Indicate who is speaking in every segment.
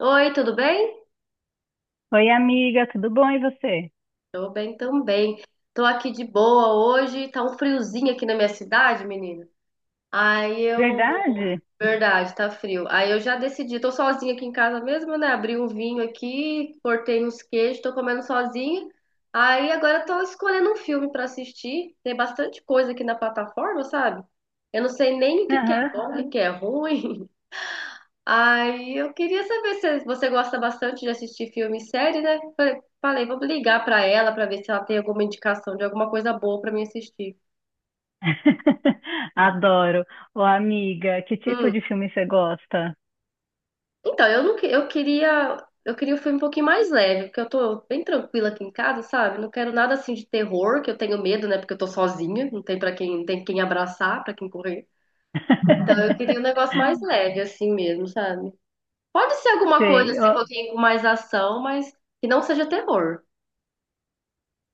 Speaker 1: Oi, tudo bem?
Speaker 2: Oi, amiga, tudo bom e você?
Speaker 1: Tô bem também. Tô aqui de boa hoje. Tá um friozinho aqui na minha cidade, menina. Aí eu.
Speaker 2: Verdade?
Speaker 1: Verdade, tá frio. Aí eu já decidi. Tô sozinha aqui em casa mesmo, né? Abri um vinho aqui, cortei uns queijos, tô comendo sozinha. Aí agora tô escolhendo um filme pra assistir. Tem bastante coisa aqui na plataforma, sabe? Eu não sei nem o que que é
Speaker 2: Aham.
Speaker 1: bom, o que que é ruim. Aí eu queria saber se você gosta bastante de assistir filme e série, né? Falei, falei, vou ligar pra ela pra ver se ela tem alguma indicação de alguma coisa boa pra mim assistir.
Speaker 2: Adoro. Ô, amiga, que tipo
Speaker 1: Hum.
Speaker 2: de filme você gosta?
Speaker 1: Então, eu não, que- eu queria um filme um pouquinho mais leve, porque eu tô bem tranquila aqui em casa, sabe? Não quero nada assim de terror, que eu tenho medo, né? Porque eu tô sozinha, não tem para quem, não tem quem abraçar, pra quem correr. Então, eu queria um negócio mais leve assim mesmo, sabe? Pode ser alguma coisa
Speaker 2: Sei.
Speaker 1: assim, um
Speaker 2: Ô,
Speaker 1: pouquinho com mais ação, mas que não seja terror.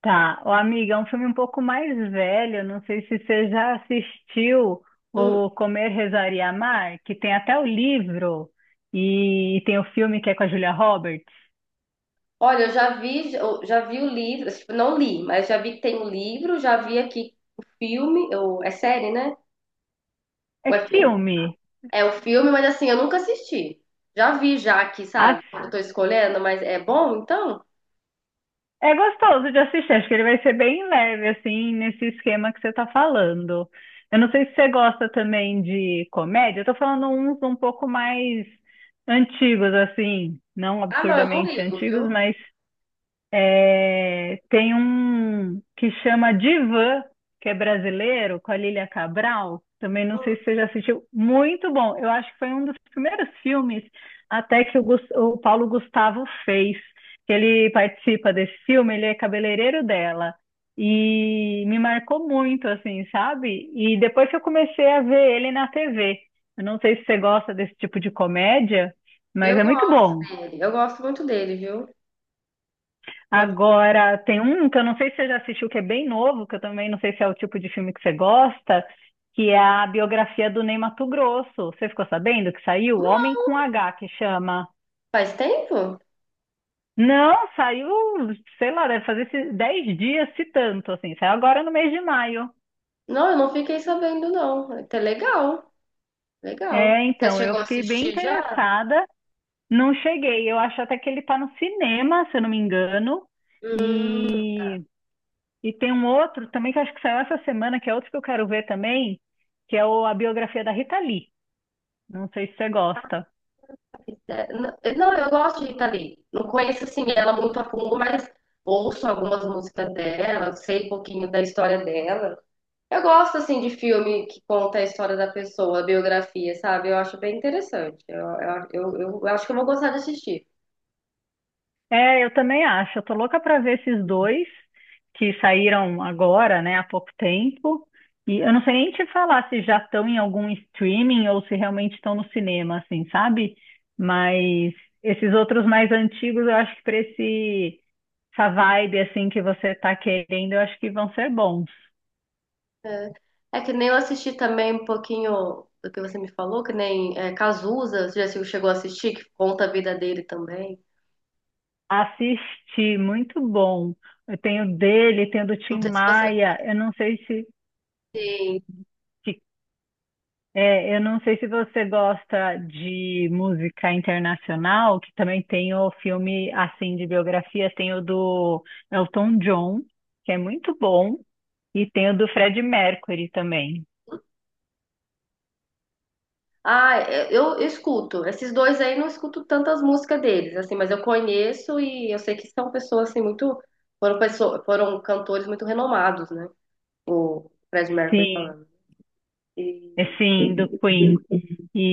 Speaker 2: tá. Ô, amiga, é um filme um pouco mais velho, não sei se você já assistiu
Speaker 1: Hum.
Speaker 2: o Comer, Rezar e Amar, que tem até o livro e tem o filme que é com a Julia Roberts.
Speaker 1: Olha, eu já vi o livro, tipo, não li, mas já vi que tem o livro, já vi aqui o filme, ou é série, né?
Speaker 2: É
Speaker 1: Ou é filme?
Speaker 2: filme.
Speaker 1: É o filme, mas assim, eu nunca assisti. Já vi já aqui, sabe? Quando eu tô escolhendo, mas é bom então?
Speaker 2: É gostoso de assistir, acho que ele vai ser bem leve, assim, nesse esquema que você tá falando. Eu não sei se você gosta também de comédia, eu tô falando uns um pouco mais antigos, assim, não
Speaker 1: Ah, não, eu não
Speaker 2: absurdamente
Speaker 1: ligo,
Speaker 2: antigos,
Speaker 1: viu?
Speaker 2: mas é, tem um que chama Divã, que é brasileiro, com a Lília Cabral. Também não
Speaker 1: Hum.
Speaker 2: sei se você já assistiu. Muito bom. Eu acho que foi um dos primeiros filmes até que o Paulo Gustavo fez. Que ele participa desse filme, ele é cabeleireiro dela. E me marcou muito, assim, sabe? E depois que eu comecei a ver ele na TV. Eu não sei se você gosta desse tipo de comédia, mas
Speaker 1: Eu
Speaker 2: é muito
Speaker 1: gosto
Speaker 2: bom.
Speaker 1: dele, eu gosto muito dele, viu? Pronto.
Speaker 2: Agora, tem um que eu não sei se você já assistiu, que é bem novo, que eu também não sei se é o tipo de filme que você gosta, que é a biografia do Ney Matogrosso. Você ficou sabendo que saiu? Homem com H, que chama.
Speaker 1: Faz tempo?
Speaker 2: Não, saiu, sei lá, deve fazer esses 10 dias, se tanto, assim. Saiu agora no mês de maio.
Speaker 1: Não, eu não fiquei sabendo, não. É até legal, legal.
Speaker 2: É,
Speaker 1: Você
Speaker 2: então, eu
Speaker 1: chegou a
Speaker 2: fiquei bem
Speaker 1: assistir já?
Speaker 2: interessada. Não cheguei. Eu acho até que ele tá no cinema, se eu não me engano. E E tem um outro também que eu acho que saiu essa semana, que é outro que eu quero ver também, que é a biografia da Rita Lee. Não sei se você gosta.
Speaker 1: É. Não, eu gosto de Rita Lee. Não conheço assim ela muito a fundo, mas ouço algumas músicas dela, sei um pouquinho da história dela. Eu gosto assim de filme que conta a história da pessoa, a biografia, sabe? Eu acho bem interessante. Eu acho que eu vou gostar de assistir.
Speaker 2: É, eu também acho. Eu tô louca pra ver esses dois que saíram agora, né, há pouco tempo. E eu não sei nem te falar se já estão em algum streaming ou se realmente estão no cinema, assim, sabe? Mas esses outros mais antigos, eu acho que pra esse essa vibe assim que você tá querendo, eu acho que vão ser bons.
Speaker 1: É. É que nem eu assisti também um pouquinho do que você me falou, que nem é, Cazuza, você já chegou a assistir, que conta a vida dele também.
Speaker 2: Assisti, muito bom. Eu tenho dele, tenho do
Speaker 1: Não
Speaker 2: Tim
Speaker 1: sei se você
Speaker 2: Maia. Eu não sei se,
Speaker 1: Sim.
Speaker 2: que- é, eu não sei se você gosta de música internacional, que também tem o filme assim de biografia, tem o do Elton John, que é muito bom, e tem o do Fred Mercury também.
Speaker 1: Ah, é, eu escuto. Esses dois aí não escuto tantas músicas deles, assim, mas eu conheço e eu sei que são pessoas assim muito foram cantores muito renomados, né? O Fred Mercury
Speaker 2: Sim,
Speaker 1: falando.
Speaker 2: é
Speaker 1: E,
Speaker 2: sim, do Queen.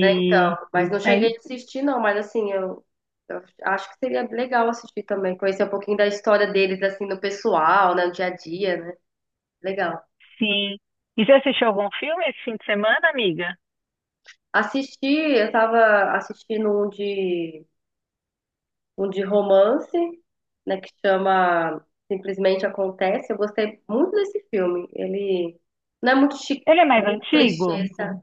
Speaker 1: né, então, mas não cheguei
Speaker 2: aí,
Speaker 1: a assistir não, mas assim, eu acho que seria legal assistir também, conhecer um pouquinho da história deles assim no pessoal, né, no dia a dia, né? Legal.
Speaker 2: sim. E você assistiu algum filme esse fim de semana, amiga?
Speaker 1: Assisti, eu tava assistindo um de romance, né, que chama Simplesmente Acontece. Eu gostei muito desse filme. Ele não é muito
Speaker 2: Ele é mais antigo?
Speaker 1: clichê, sabe?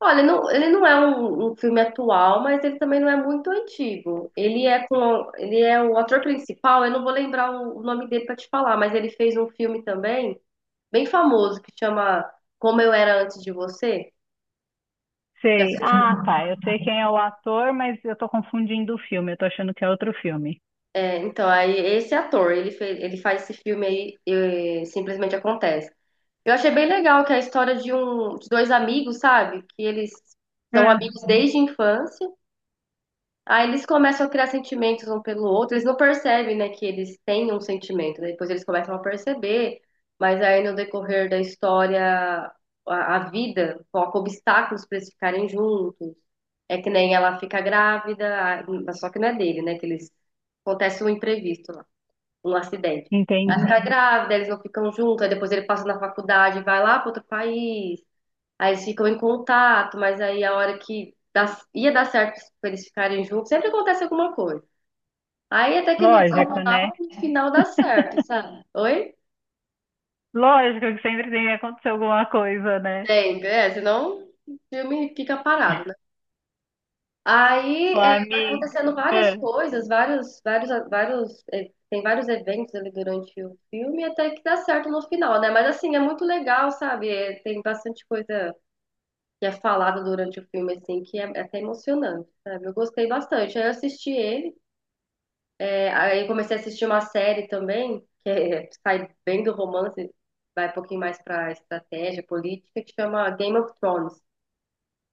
Speaker 1: Olha, não, ele não é um filme atual, mas ele também não é muito antigo. Ele é com, ele é o ator principal, eu não vou lembrar o nome dele para te falar, mas ele fez um filme também bem famoso que chama Como Eu Era Antes de Você. Já
Speaker 2: Sei.
Speaker 1: assistiu?
Speaker 2: Ah, tá. Eu sei quem é o ator, mas eu tô confundindo o filme. Eu tô achando que é outro filme.
Speaker 1: É, então, aí esse ator, ele faz esse filme aí, simplesmente acontece. Eu achei bem legal que é a história de dois amigos, sabe? Que eles são
Speaker 2: Ah,
Speaker 1: amigos desde a infância. Aí eles começam a criar sentimentos um pelo outro. Eles não percebem, né, que eles têm um sentimento, né? Depois eles começam a perceber, mas aí no decorrer da história, a vida coloca obstáculos para eles ficarem juntos. É que nem ela fica grávida, mas só que não é dele, né? Que eles acontece um imprevisto, um acidente. Ela
Speaker 2: entendi.
Speaker 1: fica grávida, eles não ficam juntos, aí depois ele passa na faculdade, vai lá para outro país, aí eles ficam em contato, mas aí a hora que dá- ia dar certo pra eles ficarem juntos, sempre acontece alguma coisa. Aí até que
Speaker 2: Lógico, né?
Speaker 1: no final dá certo, sabe? Oi?
Speaker 2: Lógico que sempre tem que acontecer alguma coisa, né?
Speaker 1: Sempre, é, senão o filme fica parado, né? Aí
Speaker 2: O
Speaker 1: é, vai
Speaker 2: amigo.
Speaker 1: acontecendo várias
Speaker 2: É.
Speaker 1: coisas, é, tem vários eventos ali durante o filme, até que dá certo no final, né? Mas assim, é muito legal, sabe? É, tem bastante coisa que é falada durante o filme, assim, é até emocionante, sabe? Eu gostei bastante. Aí eu assisti ele, é, aí comecei a assistir uma série também, que é, sai bem do romance, vai um pouquinho mais pra estratégia política, que chama Game of Thrones.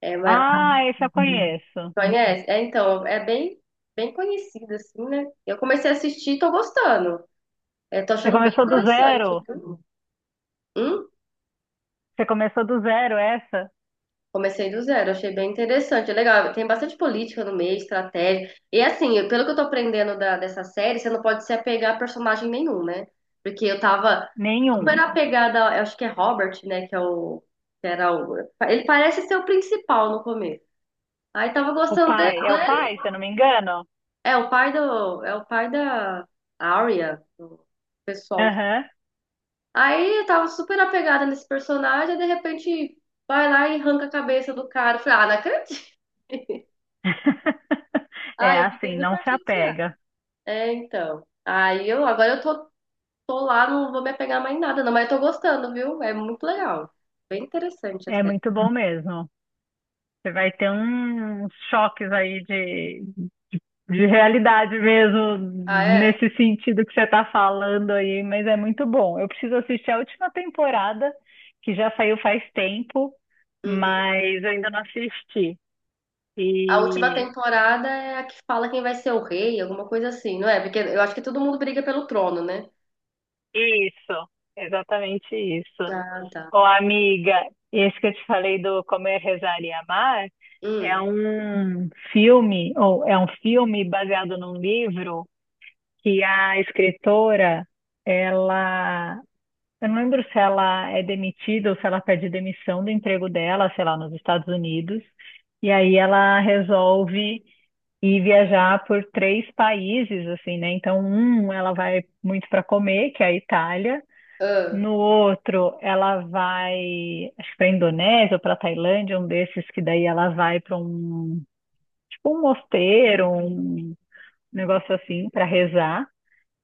Speaker 1: É uma.
Speaker 2: Ah, esse eu conheço.
Speaker 1: Conhece? É, então, é bem conhecido, assim, né? Eu comecei a assistir e tô gostando. É, tô
Speaker 2: Você
Speaker 1: achando bem
Speaker 2: começou do
Speaker 1: interessante,
Speaker 2: zero?
Speaker 1: viu? Hum?
Speaker 2: Você começou do zero, essa?
Speaker 1: Comecei do zero, achei bem interessante. É legal, tem bastante política no meio, estratégia. E assim, pelo que eu tô aprendendo dessa série, você não pode se apegar a personagem nenhum, né? Porque eu tava
Speaker 2: Nenhum.
Speaker 1: super apegada, eu acho que é Robert, né? Que é o. que era o. Ele parece ser o principal no começo. Aí tava
Speaker 2: O
Speaker 1: gostando dele.
Speaker 2: pai. É o pai, se eu não me engano?
Speaker 1: É o pai da Arya, do pessoal.
Speaker 2: Aham.
Speaker 1: Aí eu tava super apegada nesse personagem, e de repente vai lá e arranca a cabeça do cara. Eu falei, ah, não acredito. Ah,
Speaker 2: É
Speaker 1: eu fiquei
Speaker 2: assim, não
Speaker 1: super
Speaker 2: se
Speaker 1: chateada.
Speaker 2: apega.
Speaker 1: É, então. Aí eu agora eu tô, tô lá, não vou me apegar mais em nada, não, mas eu tô gostando, viu? É muito legal. Bem interessante a
Speaker 2: É
Speaker 1: série.
Speaker 2: muito bom mesmo. Você vai ter uns choques aí de realidade mesmo,
Speaker 1: Ah, é?
Speaker 2: nesse sentido que você está falando aí, mas é muito bom. Eu preciso assistir a última temporada, que já saiu faz tempo,
Speaker 1: Uhum.
Speaker 2: mas eu ainda não assisti.
Speaker 1: A última
Speaker 2: E
Speaker 1: temporada é a que fala quem vai ser o rei, alguma coisa assim, não é? Porque eu acho que todo mundo briga pelo trono, né?
Speaker 2: isso, exatamente isso.
Speaker 1: Ah, tá.
Speaker 2: Ô, amiga, esse que eu te falei do Comer, Rezar e Amar é
Speaker 1: Hum.
Speaker 2: um filme, ou é um filme baseado num livro que a escritora, ela, eu não lembro se ela é demitida ou se ela pede demissão do emprego dela, sei lá, nos Estados Unidos, e aí ela resolve ir viajar por três países, assim, né? Então, um, ela vai muito para comer, que é a Itália.
Speaker 1: Ah.
Speaker 2: No outro, ela vai, acho que para Indonésia ou para Tailândia, um desses que daí ela vai para um, tipo um mosteiro, um negócio assim, para rezar.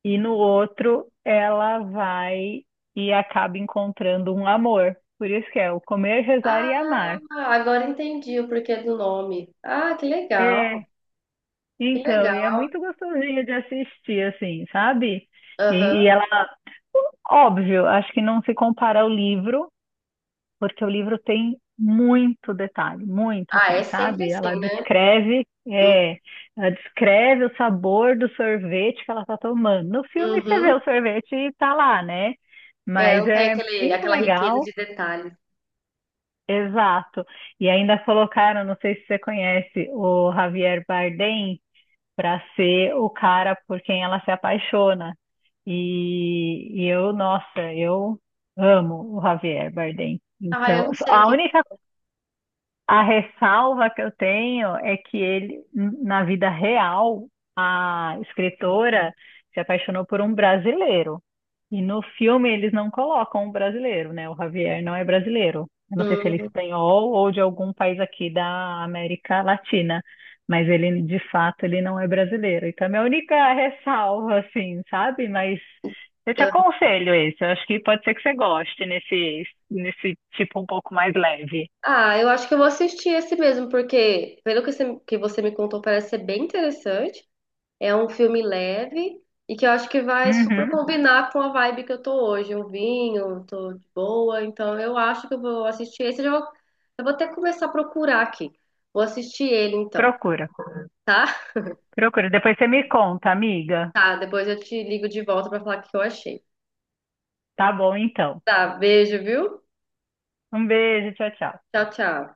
Speaker 2: E no outro, ela vai e acaba encontrando um amor. Por isso que é o comer, rezar e
Speaker 1: Ah,
Speaker 2: amar.
Speaker 1: agora entendi o porquê do nome. Ah, que legal,
Speaker 2: É,
Speaker 1: que
Speaker 2: então, e é
Speaker 1: legal.
Speaker 2: muito gostosinho de assistir, assim, sabe? E,
Speaker 1: Aham.
Speaker 2: e ela, óbvio, acho que não se compara ao livro, porque o livro tem muito detalhe, muito,
Speaker 1: Ah,
Speaker 2: assim,
Speaker 1: é sempre
Speaker 2: sabe? Ela
Speaker 1: assim, né?
Speaker 2: descreve,
Speaker 1: Hum.
Speaker 2: é, ela descreve o sabor do sorvete que ela tá tomando. No filme você vê
Speaker 1: Uhum.
Speaker 2: o sorvete e tá lá, né?
Speaker 1: É,
Speaker 2: Mas
Speaker 1: não tem
Speaker 2: é
Speaker 1: aquele,
Speaker 2: muito
Speaker 1: aquela riqueza
Speaker 2: legal.
Speaker 1: de detalhes.
Speaker 2: Exato. E ainda colocaram, não sei se você conhece, o Javier Bardem para ser o cara por quem ela se apaixona. Nossa, eu amo o Javier Bardem.
Speaker 1: Ah, eu
Speaker 2: Então,
Speaker 1: não sei aqui.
Speaker 2: a ressalva que eu tenho é que ele, na vida real, a escritora se apaixonou por um brasileiro. E no filme eles não colocam um brasileiro, né? O Javier não é brasileiro. Eu não sei se ele é
Speaker 1: Hum.
Speaker 2: espanhol ou de algum país aqui da América Latina, mas ele, de fato, ele não é brasileiro. Então, é a minha única ressalva, assim, sabe? Mas eu te aconselho esse. Eu acho que pode ser que você goste nesse tipo um pouco mais leve.
Speaker 1: Ah, eu acho que eu vou assistir esse mesmo, porque pelo que você me contou, parece ser bem interessante. É um filme leve e que eu acho que vai super
Speaker 2: Uhum.
Speaker 1: combinar com a vibe que eu tô hoje. Um vinho, tô de boa, então eu acho que eu vou assistir esse. Eu vou até começar a procurar aqui. Vou assistir ele então,
Speaker 2: Procura,
Speaker 1: tá?
Speaker 2: procura. Depois você me conta, amiga.
Speaker 1: Tá, depois eu te ligo de volta pra falar o que eu achei.
Speaker 2: Tá bom, então.
Speaker 1: Tá, beijo, viu?
Speaker 2: Um beijo, tchau, tchau.
Speaker 1: Tchau, tchau.